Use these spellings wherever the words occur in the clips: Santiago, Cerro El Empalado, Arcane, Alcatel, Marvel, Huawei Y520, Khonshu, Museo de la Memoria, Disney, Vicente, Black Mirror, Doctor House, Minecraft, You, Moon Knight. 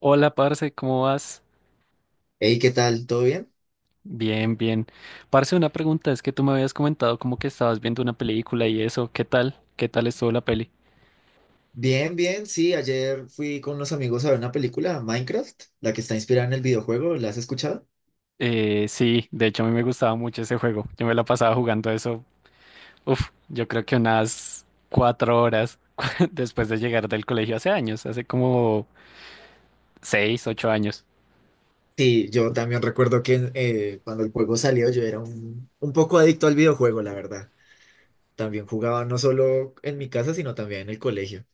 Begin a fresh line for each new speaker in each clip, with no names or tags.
Hola, parce, ¿cómo vas?
Hey, ¿qué tal? ¿Todo bien?
Bien, bien. Parce, una pregunta, es que tú me habías comentado como que estabas viendo una película y eso, ¿qué tal? ¿Qué tal estuvo la peli?
Bien, bien, sí, ayer fui con unos amigos a ver una película, Minecraft, la que está inspirada en el videojuego, ¿la has escuchado?
Sí, de hecho a mí me gustaba mucho ese juego. Yo me la pasaba jugando eso, uf, yo creo que unas 4 horas después de llegar del colegio hace años, hace como 6, 8 años.
Sí, yo también recuerdo que cuando el juego salió yo era un poco adicto al videojuego, la verdad. También jugaba no solo en mi casa, sino también en el colegio.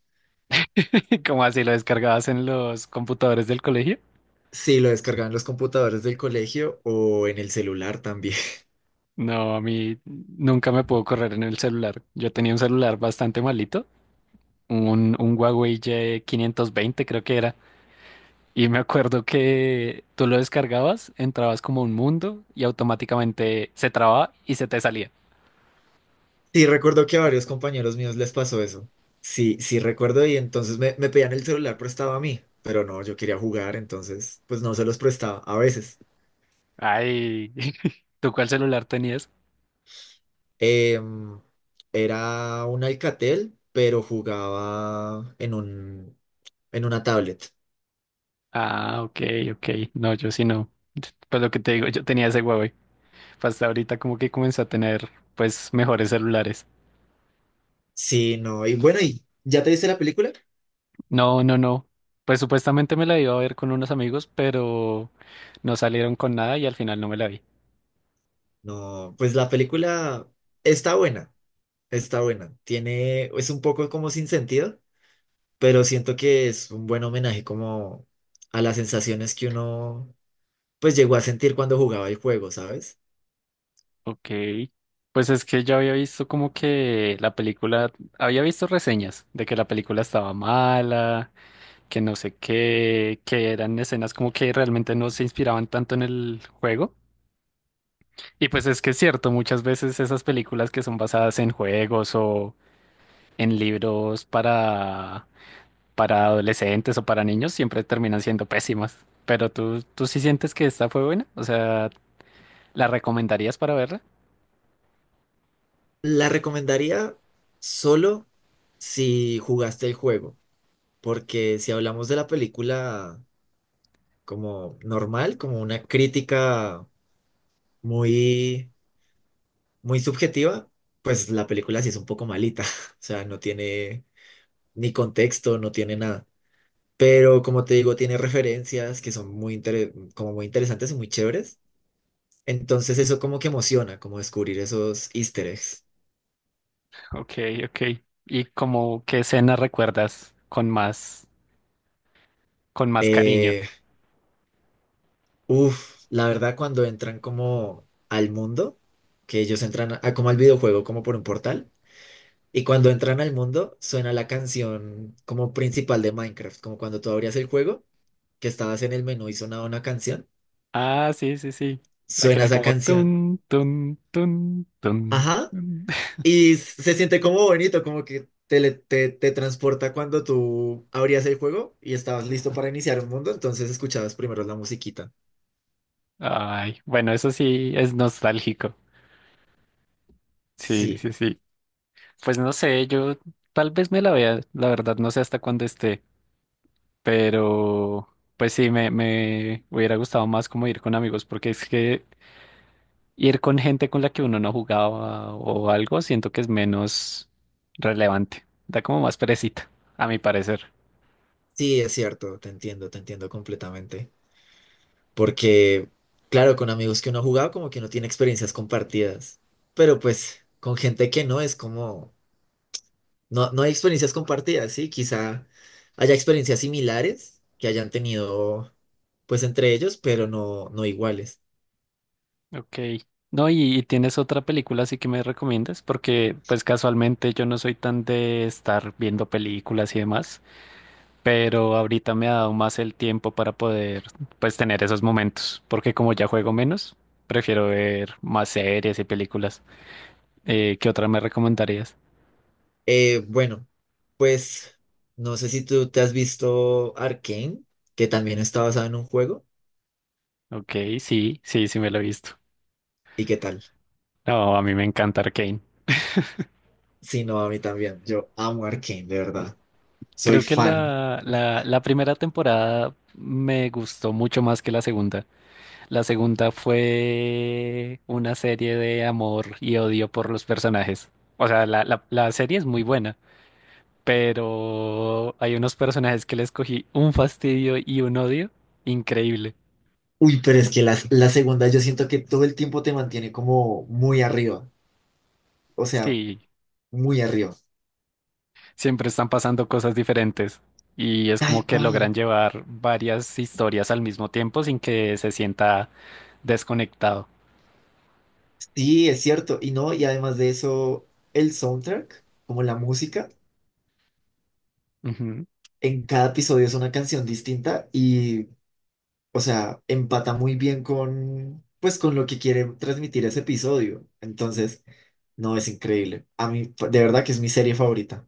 ¿Cómo así lo descargabas en los computadores del colegio?
Sí, lo descargaba en los computadores del colegio o en el celular también.
No, a mí nunca me pudo correr en el celular. Yo tenía un celular bastante malito. Un Huawei Y520 creo que era. Y me acuerdo que tú lo descargabas, entrabas como a un mundo y automáticamente se trababa y se te salía.
Sí, recuerdo que a varios compañeros míos les pasó eso. Sí, sí recuerdo y entonces me pedían el celular prestado a mí, pero no, yo quería jugar, entonces pues no se los prestaba a veces.
Ay, ¿tú cuál celular tenías?
Em, Era un Alcatel, pero jugaba en una tablet.
Ah, ok, ok. No, yo sí no. Pues lo que te digo, yo tenía ese Huawei. Pues hasta ahorita como que comencé a tener pues mejores celulares.
Sí, no, y bueno, ¿y ya te viste la película?
No, no, no. Pues supuestamente me la iba a ver con unos amigos, pero no salieron con nada y al final no me la vi.
No, pues la película está buena, está buena. Tiene, es un poco como sin sentido, pero siento que es un buen homenaje como a las sensaciones que uno pues llegó a sentir cuando jugaba el juego, ¿sabes?
Ok, pues es que yo había visto como que la película, había visto reseñas de que la película estaba mala, que no sé qué, que eran escenas como que realmente no se inspiraban tanto en el juego. Y pues es que es cierto, muchas veces esas películas que son basadas en juegos o en libros para adolescentes o para niños siempre terminan siendo pésimas. Pero tú sí sientes que esta fue buena, o sea, ¿la recomendarías para verla?
La recomendaría solo si jugaste el juego, porque si hablamos de la película como normal, como una crítica muy muy subjetiva, pues la película sí es un poco malita, o sea, no tiene ni contexto, no tiene nada. Pero como te digo, tiene referencias que son muy, como muy interesantes y muy chéveres. Entonces eso como que emociona, como descubrir esos easter eggs.
Ok, ok. ¿Y como qué escena recuerdas con más cariño?
Eh, la verdad cuando entran como al mundo, que ellos como al videojuego, como por un portal, y cuando entran al mundo suena la canción como principal de Minecraft, como cuando tú abrías el juego, que estabas en el menú y sonaba una canción,
Ah, sí, sí, sí. La que
suena
era
esa
como
canción.
tun, tun, tun, tun,
Ajá.
tun.
Y se siente como bonito, como que te transporta cuando tú abrías el juego y estabas listo para iniciar un mundo, entonces escuchabas primero la musiquita.
Ay, bueno, eso sí es nostálgico. Sí,
Sí,
sí, sí. Pues no sé, yo tal vez me la vea, la verdad, no sé hasta cuándo esté, pero pues sí, me hubiera gustado más como ir con amigos, porque es que ir con gente con la que uno no jugaba o algo, siento que es menos relevante. Da como más perecita, a mi parecer.
sí, es cierto, te entiendo completamente. Porque, claro, con amigos que uno ha jugado, como que uno tiene experiencias compartidas, pero pues con gente que no es como, no, no hay experiencias compartidas, ¿sí? Quizá haya experiencias similares que hayan tenido, pues, entre ellos, pero no, no iguales.
Ok. No, y tienes otra película así que me recomiendas, porque pues casualmente yo no soy tan de estar viendo películas y demás, pero ahorita me ha dado más el tiempo para poder pues tener esos momentos, porque como ya juego menos, prefiero ver más series y películas. ¿Qué otra me recomendarías?
Bueno, pues no sé si tú te has visto Arcane, que también está basado en un juego.
Ok, sí, sí, sí me lo he visto.
¿Y qué tal?
No, a mí me encanta Arcane.
Sí, no, a mí también. Yo amo Arcane, de verdad. Soy
Creo que
fan.
la primera temporada me gustó mucho más que la segunda. La segunda fue una serie de amor y odio por los personajes. O sea, la serie es muy buena, pero hay unos personajes que les cogí un fastidio y un odio increíble.
Uy, pero es que la segunda yo siento que todo el tiempo te mantiene como muy arriba. O sea,
Sí,
muy arriba.
siempre están pasando cosas diferentes. Y es como
Tal
que
cual.
logran llevar varias historias al mismo tiempo sin que se sienta desconectado.
Sí, es cierto. Y no, y además de eso, el soundtrack, como la música,
Ujú.
en cada episodio es una canción distinta y o sea, empata muy bien con, pues, con lo que quiere transmitir ese episodio. Entonces, no, es increíble. A mí, de verdad que es mi serie favorita.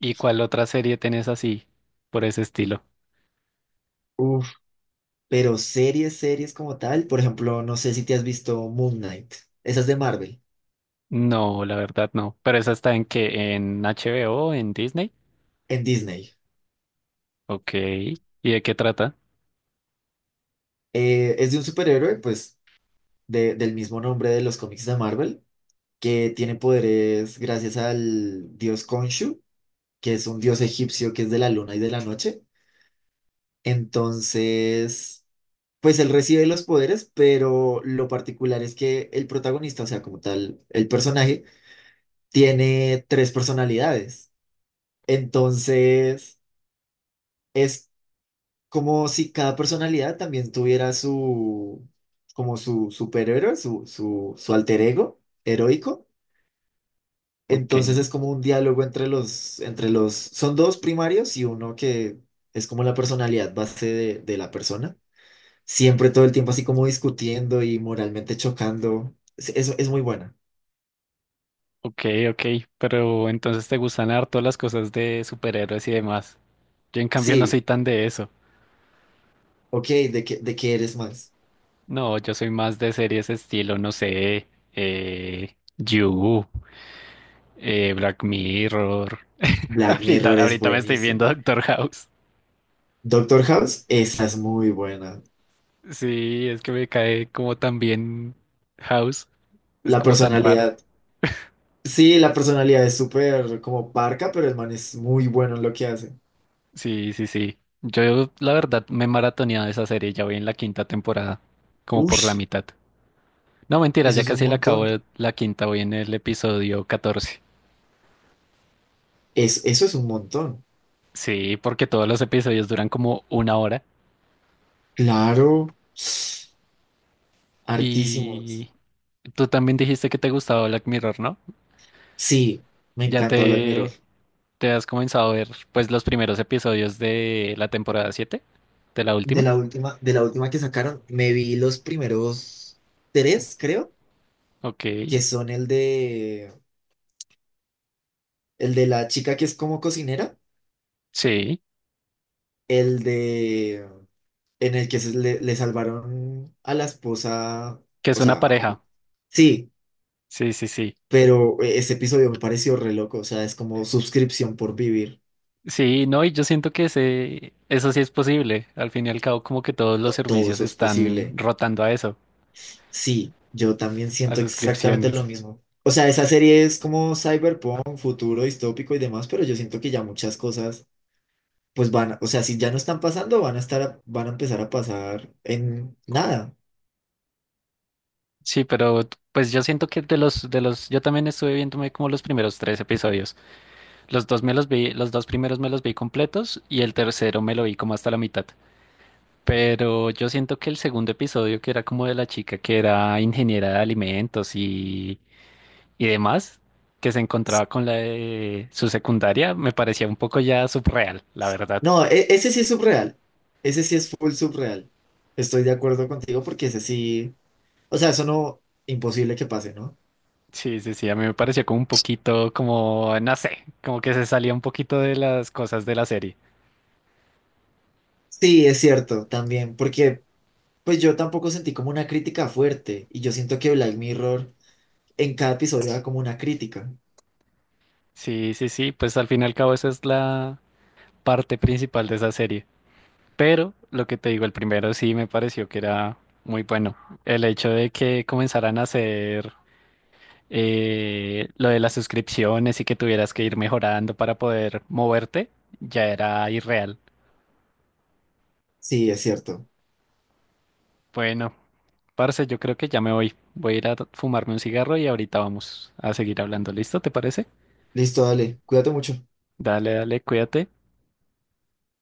¿Y cuál otra serie tenés así, por ese estilo?
Uf, pero series, series como tal, por ejemplo, no sé si te has visto Moon Knight. Esa es de Marvel,
No, la verdad no. ¿Pero esa está en qué? ¿En HBO? ¿En Disney?
en Disney.
Ok. ¿Y de qué trata?
Es de un superhéroe, pues, del mismo nombre de los cómics de Marvel, que tiene poderes gracias al dios Khonshu, que es un dios egipcio que es de la luna y de la noche. Entonces... Pues él recibe los poderes, pero lo particular es que el protagonista, o sea, como tal, el personaje, tiene tres personalidades. Entonces, es como si cada personalidad también tuviera su, como su superhéroe, su alter ego heroico.
Ok,
Entonces es como un diálogo son dos primarios y uno que es como la personalidad base de la persona. Siempre todo el tiempo así como discutiendo y moralmente chocando. Eso es muy buena.
ok, ok. Pero entonces te gustan harto las cosas de superhéroes y demás. Yo en cambio no
Sí,
soy tan de eso.
ok, de qué eres más?
No, yo soy más de series estilo, no sé, You, Black Mirror.
Black
Ahorita,
Mirror es
ahorita me estoy viendo
buenísimo.
Doctor House.
Doctor House, esa es muy buena.
Sí, es que me cae como tan bien House. Es
La
como tan raro.
personalidad, sí, la personalidad es súper como parca, pero el man es muy bueno en lo que hace.
Sí, sí, sí. Yo, la verdad, me he maratoneado esa serie. Ya voy en la quinta temporada, como por la
Ush,
mitad. No, mentiras,
eso
ya
es un
casi la acabo
montón.
la quinta. Voy en el episodio 14.
Es, eso es un montón.
Sí, porque todos los episodios duran como una hora.
Claro, hartísimos.
Y tú también dijiste que te gustaba Black Mirror, ¿no?
Sí, me
Ya
encanta Black Mirror.
te has comenzado a ver, pues, los primeros episodios de la temporada 7, de la última.
De la última que sacaron, me vi los primeros tres, creo,
Ok,
que son el de la chica que es como cocinera,
sí.
el de en el que le salvaron a la esposa,
Que es
o
una
sea,
pareja.
sí,
Sí, sí, sí.
pero ese episodio me pareció re loco, o sea, es como suscripción por vivir,
Sí, no, y yo siento que eso sí es posible. Al fin y al cabo, como que todos los
todo
servicios
eso es
están
posible.
rotando a eso,
Sí, yo también
a
siento exactamente lo
suscripciones.
mismo. O sea, esa serie es como cyberpunk, futuro distópico y demás, pero yo siento que ya muchas cosas pues van, o sea, si ya no están pasando, van a estar, van a empezar a pasar en nada.
Sí, pero pues yo siento que yo también estuve viéndome como los primeros 3 episodios. Los dos me los vi, los dos primeros me los vi completos y el tercero me lo vi como hasta la mitad. Pero yo siento que el segundo episodio, que era como de la chica que era ingeniera de alimentos y demás, que se encontraba con la de su secundaria, me parecía un poco ya subreal, la verdad.
No, ese sí es subreal. Ese sí es full subreal. Estoy de acuerdo contigo porque ese sí, o sea, eso no, imposible que pase, ¿no?
Sí, sí, sí, a mí me pareció como un poquito, como, no sé, como que se salía un poquito de las cosas de la serie.
Sí, es cierto, también, porque pues yo tampoco sentí como una crítica fuerte y yo siento que Black Mirror en cada episodio da como una crítica.
Sí, sí, sí, pues al fin y al cabo esa es la parte principal de esa serie. Pero lo que te digo, el primero sí me pareció que era muy bueno. El hecho de que comenzaran a hacer lo de las suscripciones y que tuvieras que ir mejorando para poder moverte, ya era irreal.
Sí, es cierto.
Bueno, parce, yo creo que ya me voy. Voy a ir a fumarme un cigarro y ahorita vamos a seguir hablando. ¿Listo? ¿Te parece?
Listo, dale, cuídate mucho.
Dale, dale, cuídate.